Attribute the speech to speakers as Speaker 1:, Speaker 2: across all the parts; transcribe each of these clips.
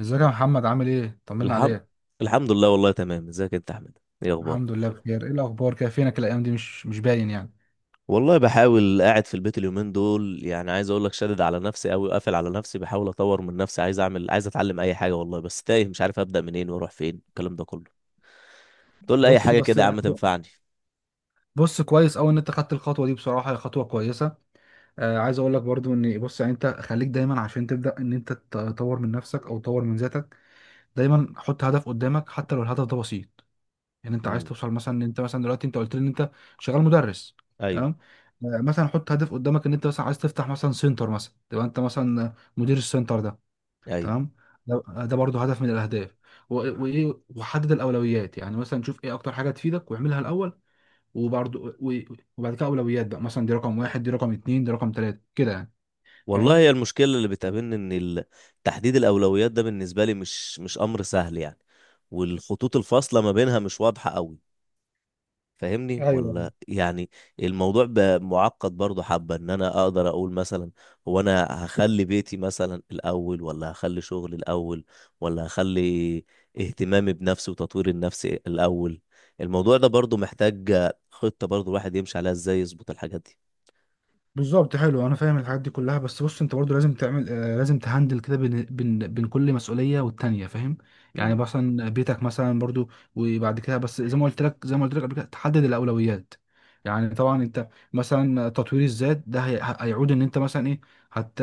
Speaker 1: ازيك يا محمد، عامل ايه؟ طمنا
Speaker 2: الحمد
Speaker 1: عليك.
Speaker 2: الحمد لله. والله تمام، ازيك انت يا احمد؟ ايه
Speaker 1: الحمد
Speaker 2: اخبارك؟
Speaker 1: لله، الحمد بخير. ايه الاخبار كده؟ فينك الايام دي، مش باين يعني.
Speaker 2: والله بحاول قاعد في البيت اليومين دول. يعني عايز اقول لك، شادد على نفسي قوي وقافل على نفسي، بحاول اطور من نفسي، عايز اعمل، عايز اتعلم اي حاجه. والله بس تايه، مش عارف ابدا منين واروح فين، الكلام ده كله. تقول لي اي
Speaker 1: بص
Speaker 2: حاجه
Speaker 1: بس.
Speaker 2: كده يا عم تنفعني.
Speaker 1: بص، كويس قوي ان انت خدت الخطوه دي. بصراحه هي خطوه كويسه. عايز اقول لك برضو ان بص، يعني انت خليك دايما، عشان تبدا ان انت تطور من نفسك او تطور من ذاتك، دايما حط هدف قدامك حتى لو الهدف ده بسيط. يعني انت عايز
Speaker 2: امم.
Speaker 1: توصل مثلا ان انت، مثلا دلوقتي انت قلت لي ان انت شغال مدرس.
Speaker 2: ايوه.
Speaker 1: تمام. مثلا حط هدف قدامك ان انت مثلا عايز تفتح مثلا سنتر، مثلا تبقى انت مثلا مدير السنتر ده.
Speaker 2: ايوه.
Speaker 1: تمام. ده برضه هدف من الاهداف. و- وايه، وحدد الاولويات. يعني مثلا شوف ايه اكتر حاجه تفيدك واعملها الاول. وبرضه وبعد كده اولويات بقى، مثلا دي رقم واحد، دي رقم اتنين، دي رقم تلاته كده يعني.
Speaker 2: والله
Speaker 1: فاهم؟
Speaker 2: هي المشكله اللي بتقابلني، ان تحديد الاولويات ده بالنسبه لي مش امر سهل يعني. والخطوط الفاصله ما بينها مش واضحه قوي، فاهمني
Speaker 1: ايوه.
Speaker 2: ولا يعني؟ الموضوع بقى معقد برضه حبة، ان انا اقدر اقول مثلا هو انا هخلي بيتي مثلا الاول، ولا هخلي شغلي الاول، ولا هخلي اهتمامي بنفسي وتطوير النفس الاول. الموضوع ده برضه محتاج خطة برضه الواحد يمشي عليها، ازاي يظبط الحاجات دي.
Speaker 1: بالظبط. حلو. انا فاهم الحاجات دي كلها، بس بص انت برضو لازم تعمل، لازم تهندل كده بين كل مسؤوليه والتانيه. فاهم؟ يعني
Speaker 2: امم.
Speaker 1: مثلا بيتك مثلا برضو، وبعد كده بس زي ما قلت لك قبل كده تحدد الاولويات. يعني طبعا انت مثلا تطوير الذات ده هيعود ان انت مثلا ايه، هت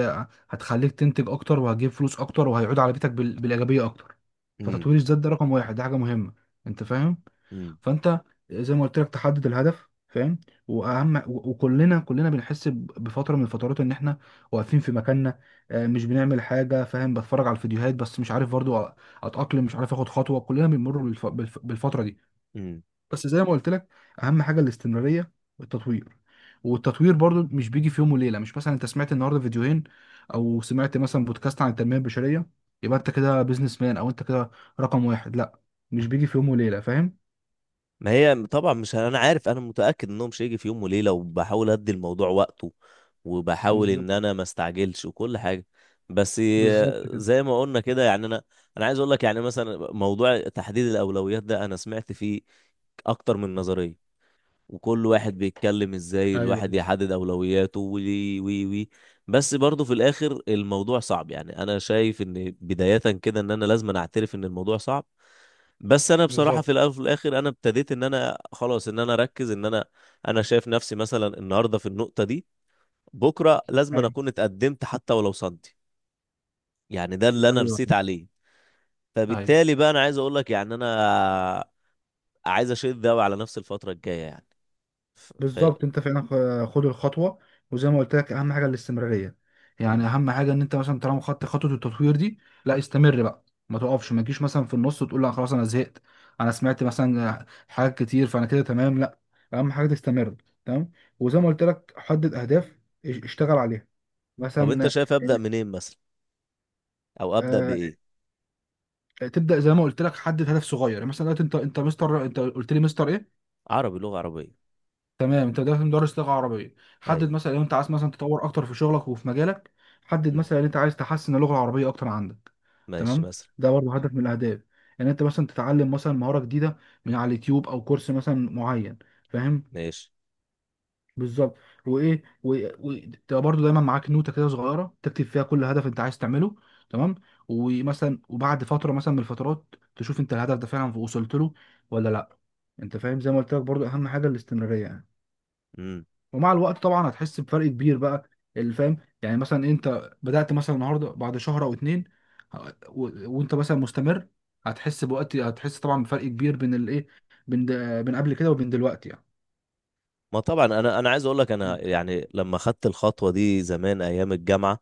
Speaker 1: هتخليك تنتج اكتر، وهتجيب فلوس اكتر، وهيعود على بيتك بالايجابيه اكتر.
Speaker 2: امم.
Speaker 1: فتطوير الذات ده رقم واحد، ده حاجه مهمه. انت فاهم؟
Speaker 2: إمم.
Speaker 1: فانت زي ما قلت لك تحدد الهدف. فاهم؟ واهم وكلنا بنحس بفتره من الفترات ان احنا واقفين في مكاننا. مش بنعمل حاجه. فاهم؟ بتفرج على الفيديوهات بس مش عارف برضو اتاقلم، مش عارف اخد خطوه. كلنا بنمر بالفتره دي.
Speaker 2: إمم.
Speaker 1: بس زي ما قلت لك اهم حاجه الاستمراريه والتطوير والتطوير برضو مش بيجي في يوم وليله. مش مثلا انت سمعت النهارده فيديوهين او سمعت مثلا بودكاست عن التنميه البشريه يبقى انت كده بيزنس مان، او انت كده رقم واحد. لا، مش بيجي في يوم وليله. فاهم؟
Speaker 2: ما هي طبعا مش انا عارف، انا متاكد انه مش هيجي في يوم وليله، وبحاول ادي الموضوع وقته، وبحاول ان انا ما استعجلش وكل حاجه. بس
Speaker 1: بالظبط كده.
Speaker 2: زي ما قلنا كده، يعني انا عايز اقول لك، يعني مثلا موضوع تحديد الاولويات ده انا سمعت فيه اكتر من نظريه، وكل واحد بيتكلم ازاي
Speaker 1: ايوه،
Speaker 2: الواحد
Speaker 1: ايوه،
Speaker 2: يحدد اولوياته، وي وي وي. بس برضه في الاخر الموضوع صعب، يعني انا شايف ان بدايه كده ان انا لازم أنا اعترف ان الموضوع صعب. بس انا بصراحه
Speaker 1: بالظبط.
Speaker 2: في الاول وفي الاخر، انا ابتديت ان انا خلاص، ان انا اركز، ان انا انا شايف نفسي مثلا النهارده في النقطه دي، بكره لازم أنا
Speaker 1: أيوة.
Speaker 2: اكون اتقدمت حتى ولو صدي. يعني ده اللي انا
Speaker 1: ايوه،
Speaker 2: رسيت عليه.
Speaker 1: ايوه،
Speaker 2: فبالتالي بقى، انا عايز اقول لك، يعني انا عايز اشد قوي على نفسي الفتره الجايه يعني. ف... ف...
Speaker 1: بالظبط. انت فعلا خد الخطوه، وزي ما قلت لك اهم حاجه الاستمراريه يعني.
Speaker 2: مم.
Speaker 1: اهم حاجه ان انت مثلا طالما خدت خطوه التطوير دي، لا استمر بقى. ما تقفش، ما تجيش مثلا في النص وتقول لا خلاص انا زهقت، انا سمعت مثلا حاجات كتير فانا كده تمام. لا، اهم حاجه تستمر. تمام. وزي ما قلت لك حدد اهداف، اشتغل عليها،
Speaker 2: طب انت
Speaker 1: مثلا.
Speaker 2: شايف ابدا منين مثلا، او ابدا
Speaker 1: آه،
Speaker 2: بايه؟
Speaker 1: تبدا زي ما قلت لك حدد هدف صغير، يعني مثلا دلوقتي انت مستر، انت قلت لي مستر ايه؟
Speaker 2: عربي، لغه عربيه.
Speaker 1: تمام، انت دلوقتي مدرس لغه عربيه. حدد
Speaker 2: اي.
Speaker 1: مثلا لو انت عايز مثلا تطور اكتر في شغلك وفي مجالك، حدد
Speaker 2: مم.
Speaker 1: مثلا ان انت عايز تحسن اللغه العربيه اكتر عندك.
Speaker 2: ماشي
Speaker 1: تمام.
Speaker 2: مثلا.
Speaker 1: ده برضه هدف من الاهداف. ان انت مثلا تتعلم مثلا مهاره جديده من على اليوتيوب او كورس مثلا معين. فاهم؟
Speaker 2: ماشي.
Speaker 1: بالظبط. وايه، تبقى برضه دايما معاك نوته كده صغيره تكتب فيها كل هدف انت عايز تعمله. تمام. ومثلا وبعد فتره مثلا من الفترات تشوف انت الهدف ده فعلا وصلت له ولا لا. انت فاهم؟ زي ما قلت لك برضه اهم حاجه الاستمراريه يعني.
Speaker 2: مم.
Speaker 1: ومع الوقت طبعا هتحس بفرق كبير بقى. اللي فاهم. يعني مثلا انت بدأت مثلا النهارده، بعد شهر او اتنين ه- و... وانت مثلا مستمر، هتحس طبعا بفرق كبير بين الايه، بين د... بين قبل كده وبين دلوقتي يعني.
Speaker 2: ما طبعا انا عايز اقول لك، انا
Speaker 1: انت...
Speaker 2: يعني لما خدت الخطوه دي زمان ايام الجامعه،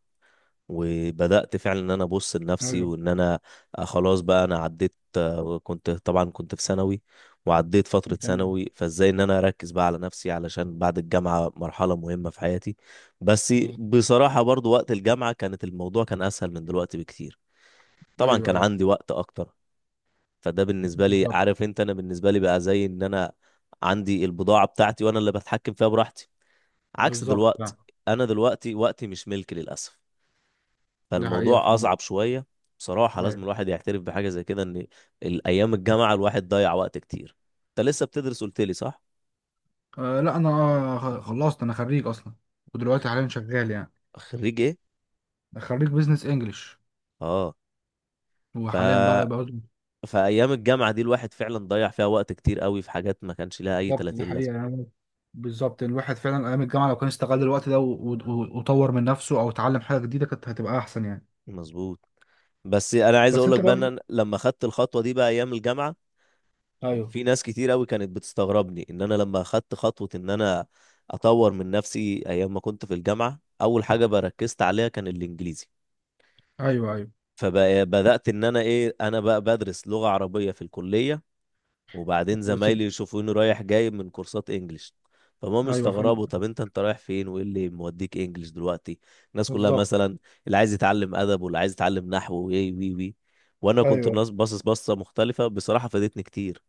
Speaker 2: وبدأت فعلا ان انا ابص لنفسي
Speaker 1: ايوه.
Speaker 2: وان انا خلاص بقى انا عديت. كنت طبعا في ثانوي، وعديت فترة
Speaker 1: تمام.
Speaker 2: ثانوي، فازاي ان انا اركز بقى على نفسي علشان بعد الجامعة مرحلة مهمة في حياتي. بس
Speaker 1: بز-
Speaker 2: بصراحة برضو وقت الجامعة كانت الموضوع كان اسهل من دلوقتي بكتير. طبعا
Speaker 1: ايوه،
Speaker 2: كان
Speaker 1: ايوه،
Speaker 2: عندي وقت اكتر. فده بالنسبة لي،
Speaker 1: بالظبط.
Speaker 2: عارف انت، انا بالنسبة لي بقى زي ان انا عندي البضاعة بتاعتي وانا اللي بتحكم فيها براحتي، عكس
Speaker 1: بالظبط
Speaker 2: دلوقتي.
Speaker 1: فعلا.
Speaker 2: انا دلوقتي وقتي مش ملكي للأسف،
Speaker 1: ده حقيقة
Speaker 2: فالموضوع
Speaker 1: فعلا.
Speaker 2: اصعب شويه. بصراحه
Speaker 1: ايوه.
Speaker 2: لازم الواحد يعترف بحاجه زي كده، ان الايام الجامعه الواحد ضيع وقت كتير. انت لسه بتدرس قلت لي، صح؟
Speaker 1: آه لا، انا خلصت. انا خريج اصلا، ودلوقتي حاليا شغال يعني.
Speaker 2: خريج ايه؟
Speaker 1: خريج بزنس انجلش.
Speaker 2: اه. ف
Speaker 1: وحاليا بقى.
Speaker 2: فايام الجامعه دي الواحد فعلا ضيع فيها وقت كتير قوي في حاجات ما كانش لها اي
Speaker 1: بالظبط، دي
Speaker 2: 30
Speaker 1: حقيقة
Speaker 2: لازمه.
Speaker 1: يعني. بالظبط. الواحد فعلا أيام الجامعة لو كان استغل الوقت ده وطور من نفسه أو اتعلم حاجة جديدة كانت هتبقى أحسن يعني.
Speaker 2: مظبوط. بس انا عايز
Speaker 1: بس
Speaker 2: اقول
Speaker 1: أنت
Speaker 2: لك بقى، ان
Speaker 1: برضو.
Speaker 2: أنا لما خدت الخطوه دي بقى ايام الجامعه،
Speaker 1: أيوه.
Speaker 2: في ناس كتير قوي كانت بتستغربني ان انا لما خدت خطوه ان انا اطور من نفسي ايام ما كنت في الجامعه، اول حاجه بركزت عليها كان الانجليزي.
Speaker 1: أيوه، أيوه.
Speaker 2: فبدأت إن أنا بقى بدرس لغة عربية في الكلية، وبعدين
Speaker 1: بس.
Speaker 2: زمايلي يشوفوني رايح جاي من كورسات إنجليش، فهم
Speaker 1: أيوه فعلا.
Speaker 2: يستغربوا طب أنت رايح فين، وإيه اللي موديك إنجليش دلوقتي. الناس كلها
Speaker 1: بالظبط.
Speaker 2: مثلا اللي عايز يتعلم أدب، واللي عايز يتعلم نحو، وإيه وي وي، وأنا كنت
Speaker 1: أيوه.
Speaker 2: الناس باصص بصة مختلفة، بصراحة فادتني كتير.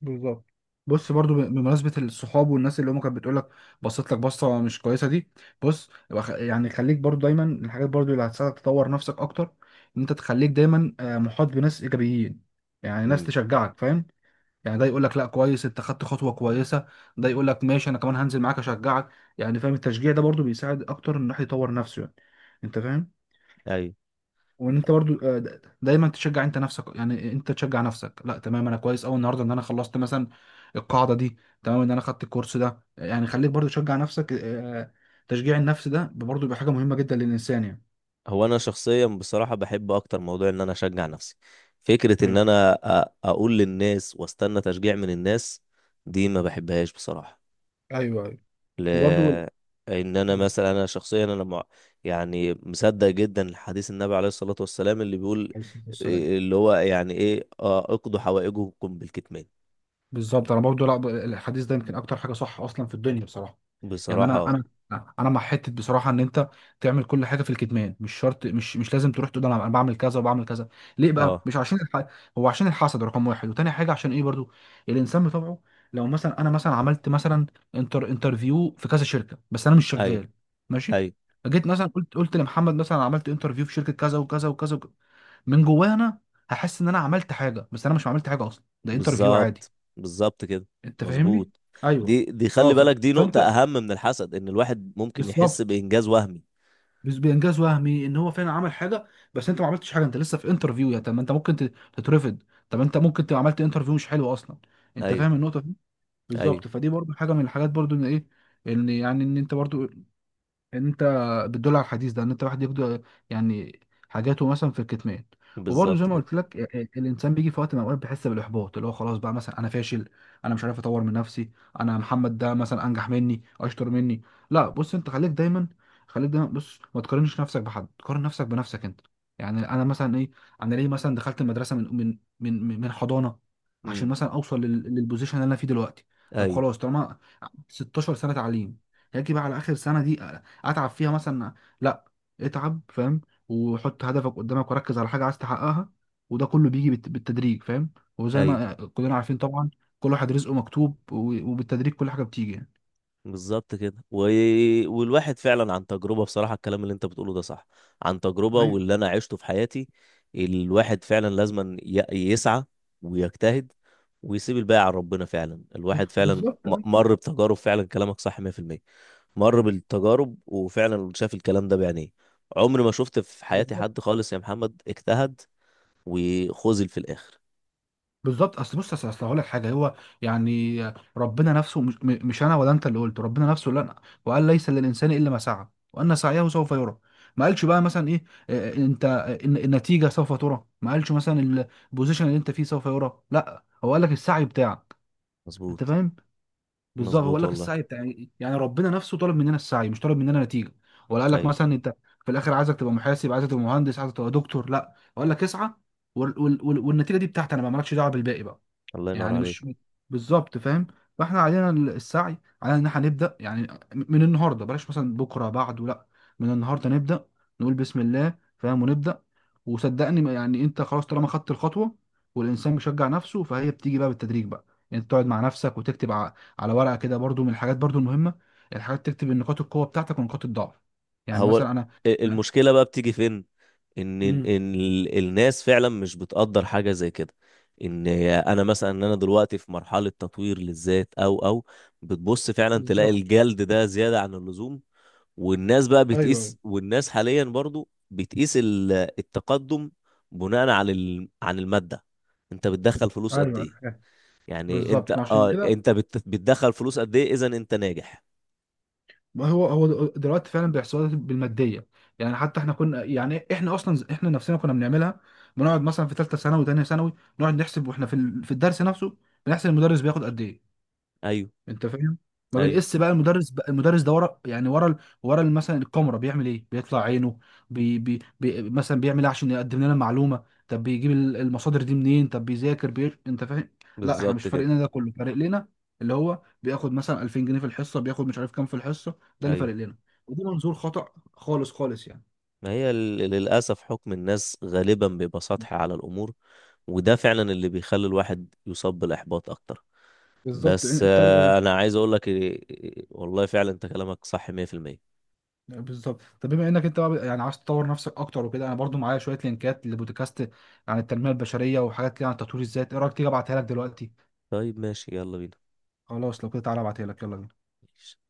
Speaker 1: بالظبط. بص برضو بمناسبة الصحاب والناس اللي هم كانت بتقول لك، بصيت لك بصة مش كويسة دي. بص، يبقى يعني خليك برضو دايما الحاجات برضو اللي هتساعدك تطور نفسك أكتر، إن أنت تخليك دايما محاط بناس إيجابيين، يعني ناس
Speaker 2: امم.
Speaker 1: تشجعك. فاهم؟ يعني ده يقول لك لا، كويس، انت خدت خطوه كويسه. ده يقول لك ماشي، انا كمان هنزل معاك اشجعك. يعني فاهم؟ التشجيع ده برضو بيساعد اكتر ان الواحد يطور نفسه يعني. انت فاهم؟
Speaker 2: أيوه.
Speaker 1: وان انت برضو دايما تشجع انت نفسك. يعني انت تشجع نفسك، لا تمام، انا كويس قوي النهارده ان انا خلصت مثلا القاعده دي. تمام، ان انا خدت الكورس ده. يعني خليك برضو تشجع نفسك. تشجيع النفس ده برضو بيبقى حاجه مهمه جدا للانسان يعني.
Speaker 2: هو انا شخصيا بصراحه بحب اكتر موضوع ان انا اشجع نفسي. فكره ان
Speaker 1: ايوه،
Speaker 2: انا اقول للناس واستنى تشجيع من الناس، دي ما بحبهاش بصراحه.
Speaker 1: ايوه، ايوه. وبرضو عليه
Speaker 2: لان انا مثلا انا شخصيا يعني مصدق جدا حديث النبي عليه الصلاة والسلام اللي بيقول
Speaker 1: الصلاة والسلام.
Speaker 2: اللي هو يعني ايه، اقضوا حوائجكم بالكتمان.
Speaker 1: بالظبط، انا برضو، لا الحديث ده يمكن اكتر حاجه صح اصلا في الدنيا بصراحه. يعني
Speaker 2: بصراحة
Speaker 1: انا
Speaker 2: اه.
Speaker 1: انا انا مع حته بصراحه ان انت تعمل كل حاجه في الكتمان. مش شرط، مش لازم تروح تقول أنا بعمل كذا وبعمل كذا. ليه بقى؟
Speaker 2: اه.
Speaker 1: مش عشان هو عشان الحسد رقم واحد، وتاني حاجه عشان ايه برضو الانسان بطبعه. لو مثلا انا مثلا عملت مثلا انترفيو في كذا شركه، بس انا مش
Speaker 2: ايوه.
Speaker 1: شغال، ماشي،
Speaker 2: ايوه.
Speaker 1: جيت مثلا قلت لمحمد مثلا أنا عملت انترفيو في شركه كذا وكذا وكذا وكذا، من جوايا انا هحس ان انا عملت حاجه، بس انا مش عملت حاجه اصلا، ده انترفيو عادي.
Speaker 2: بالظبط. بالظبط كده.
Speaker 1: انت فاهمني؟
Speaker 2: مظبوط.
Speaker 1: ايوه.
Speaker 2: دي خلي بالك، دي نقطة
Speaker 1: فانت
Speaker 2: اهم من الحسد، ان الواحد ممكن يحس
Speaker 1: بالظبط.
Speaker 2: بانجاز وهمي.
Speaker 1: بس بانجاز وهمي ان هو فعلا عمل حاجه، بس انت ما عملتش حاجه، انت لسه في انترفيو. يا طب ما انت ممكن تترفض، طب انت ممكن تبقى عملت انترفيو مش حلو اصلا. انت
Speaker 2: ايوه.
Speaker 1: فاهم النقطه دي؟
Speaker 2: ايوه.
Speaker 1: بالظبط. فدي برضو حاجه من الحاجات برضو ان ايه، ان يعني ان انت برضو انت بتدل على الحديث ده ان انت واحد يقدر يعني حاجاته مثلا في الكتمان. وبرضه زي
Speaker 2: بالظبط
Speaker 1: ما
Speaker 2: كده.
Speaker 1: قلت لك الانسان بيجي في وقت من الاوقات بيحس بالاحباط اللي هو خلاص بقى مثلا انا فاشل، انا مش عارف اطور من نفسي، انا محمد ده مثلا انجح مني، اشطر مني. لا، بص انت خليك دايما بص، ما تقارنش نفسك بحد، قارن نفسك بنفسك انت. يعني انا مثلا ايه، انا ليه مثلا دخلت المدرسه من حضانه عشان
Speaker 2: امم.
Speaker 1: مثلا اوصل للبوزيشن اللي انا فيه دلوقتي؟ طب
Speaker 2: ايوه.
Speaker 1: خلاص، طالما 16 سنه تعليم، هاجي بقى على اخر سنه دي اتعب فيها مثلا؟ لا، اتعب. فاهم؟ وحط هدفك قدامك وركز على حاجه عايز تحققها. وده كله بيجي بالتدريج. فاهم؟ وزي
Speaker 2: ايوه.
Speaker 1: ما كلنا عارفين طبعا، كل واحد رزقه مكتوب، وبالتدريج كل حاجه بتيجي يعني.
Speaker 2: بالظبط كده. والواحد فعلا عن تجربة، بصراحة الكلام اللي انت بتقوله ده صح، عن تجربة
Speaker 1: أيوة،
Speaker 2: واللي انا عشته في حياتي. الواحد فعلا لازم يسعى ويجتهد ويسيب الباقي على ربنا، فعلا الواحد فعلا
Speaker 1: بالظبط.
Speaker 2: مر بتجارب، فعلا كلامك صح 100%. مر بالتجارب وفعلا شاف الكلام ده بعينيه. عمري ما شفت في حياتي
Speaker 1: أيوة.
Speaker 2: حد خالص يا محمد اجتهد وخذل في الاخر.
Speaker 1: بالظبط. اصل بص، اصل هقول لك حاجه. هو يعني ربنا نفسه، مش انا ولا انت اللي قلت، ربنا نفسه لا وقال ليس للانسان الا ما سعى، وان سعيه سوف يرى. ما قالش بقى مثلا ايه، انت، النتيجه سوف ترى. ما قالش مثلا البوزيشن اللي انت فيه سوف يرى، لا هو قال لك السعي بتاعك. انت
Speaker 2: مظبوط.
Speaker 1: فاهم؟ بالظبط. هو قال
Speaker 2: مظبوط
Speaker 1: لك
Speaker 2: والله.
Speaker 1: السعي بتاعي، يعني ربنا نفسه طلب مننا السعي مش طلب مننا نتيجه. ولا قال لك
Speaker 2: ايوه.
Speaker 1: مثلا انت في الاخر عايزك تبقى محاسب، عايزك تبقى مهندس، عايزك تبقى دكتور. لا، هو قال لك اسعى، والنتيجه دي بتاعتي انا، ما مالكش دعوه بالباقي بقى.
Speaker 2: الله ينور
Speaker 1: يعني
Speaker 2: عليك.
Speaker 1: مش بالظبط. فاهم؟ فاحنا علينا السعي، علينا ان احنا نبدا يعني من النهارده، بلاش مثلا بكره بعده. لا، من النهارده نبدا، نقول بسم الله. فاهم؟ ونبدا. وصدقني يعني انت خلاص طالما خدت الخطوه والانسان بيشجع نفسه، فهي بتيجي بقى بالتدريج بقى. يعني انت تقعد مع نفسك وتكتب على ورقه كده. برضو من الحاجات برضو المهمه الحاجات، تكتب النقاط القوه بتاعتك ونقاط الضعف. يعني
Speaker 2: هو
Speaker 1: مثلا انا
Speaker 2: المشكلة بقى بتيجي فين؟ إن
Speaker 1: امم
Speaker 2: إن ال- الناس فعلا مش بتقدر حاجة زي كده، إن أنا دلوقتي في مرحلة تطوير للذات، أو بتبص فعلا تلاقي
Speaker 1: بالظبط.
Speaker 2: الجلد ده زيادة عن اللزوم. والناس بقى
Speaker 1: ايوه،
Speaker 2: بتقيس، والناس حاليا برضو بتقيس التقدم بناء على عن المادة. أنت بتدخل فلوس قد
Speaker 1: ايوه،
Speaker 2: إيه؟
Speaker 1: ايوه.
Speaker 2: يعني أنت
Speaker 1: بالظبط. عشان
Speaker 2: أه
Speaker 1: كده،
Speaker 2: أنت بتدخل فلوس قد إيه، إذا أنت ناجح.
Speaker 1: ما هو دلوقتي فعلا بيحصلوا بالماديه. يعني حتى احنا كنا، يعني احنا اصلا احنا نفسنا كنا بنعملها. بنقعد مثلا في ثالثه ثانوي وثانيه ثانوي نقعد نحسب واحنا في في الدرس نفسه بنحسب المدرس بياخد قد ايه.
Speaker 2: أيوه.
Speaker 1: انت فاهم؟ ما
Speaker 2: أيوه.
Speaker 1: بنقيس بقى المدرس، بقى المدرس ده ورا، يعني مثلا الكاميرا بيعمل ايه، بيطلع عينه، بي بي بي مثلا بيعمل ايه عشان يقدم لنا المعلومه، طب بيجيب المصادر دي منين، طب بيذاكر انت فاهم؟ لا، احنا مش
Speaker 2: بالظبط
Speaker 1: فارق
Speaker 2: كده.
Speaker 1: لنا ده كله، فارق لنا اللي هو بياخد مثلا 2000 جنيه في الحصه، بياخد مش عارف كام في الحصه. ده اللي
Speaker 2: أيوه.
Speaker 1: فارق لنا. وده منظور خطأ خالص خالص يعني.
Speaker 2: ما هي للأسف حكم الناس غالبا بيبقى سطحي على الأمور، وده فعلا اللي بيخلي الواحد يصاب بالإحباط أكتر.
Speaker 1: بالظبط.
Speaker 2: بس
Speaker 1: انت
Speaker 2: أنا عايز أقول لك إيه- إيه- إيه، والله فعلا أنت كلامك صح 100%.
Speaker 1: بالظبط. طب بما انك انت بقى يعني عايز تطور نفسك اكتر وكده، انا برضو معايا شويه لينكات لبودكاست عن التنميه البشريه وحاجات كده عن تطوير الذات. ايه رايك تيجي ابعتها لك دلوقتي؟
Speaker 2: طيب ماشي، يلا
Speaker 1: خلاص لو كده تعالى ابعتها لك. يلا بينا.
Speaker 2: بينا.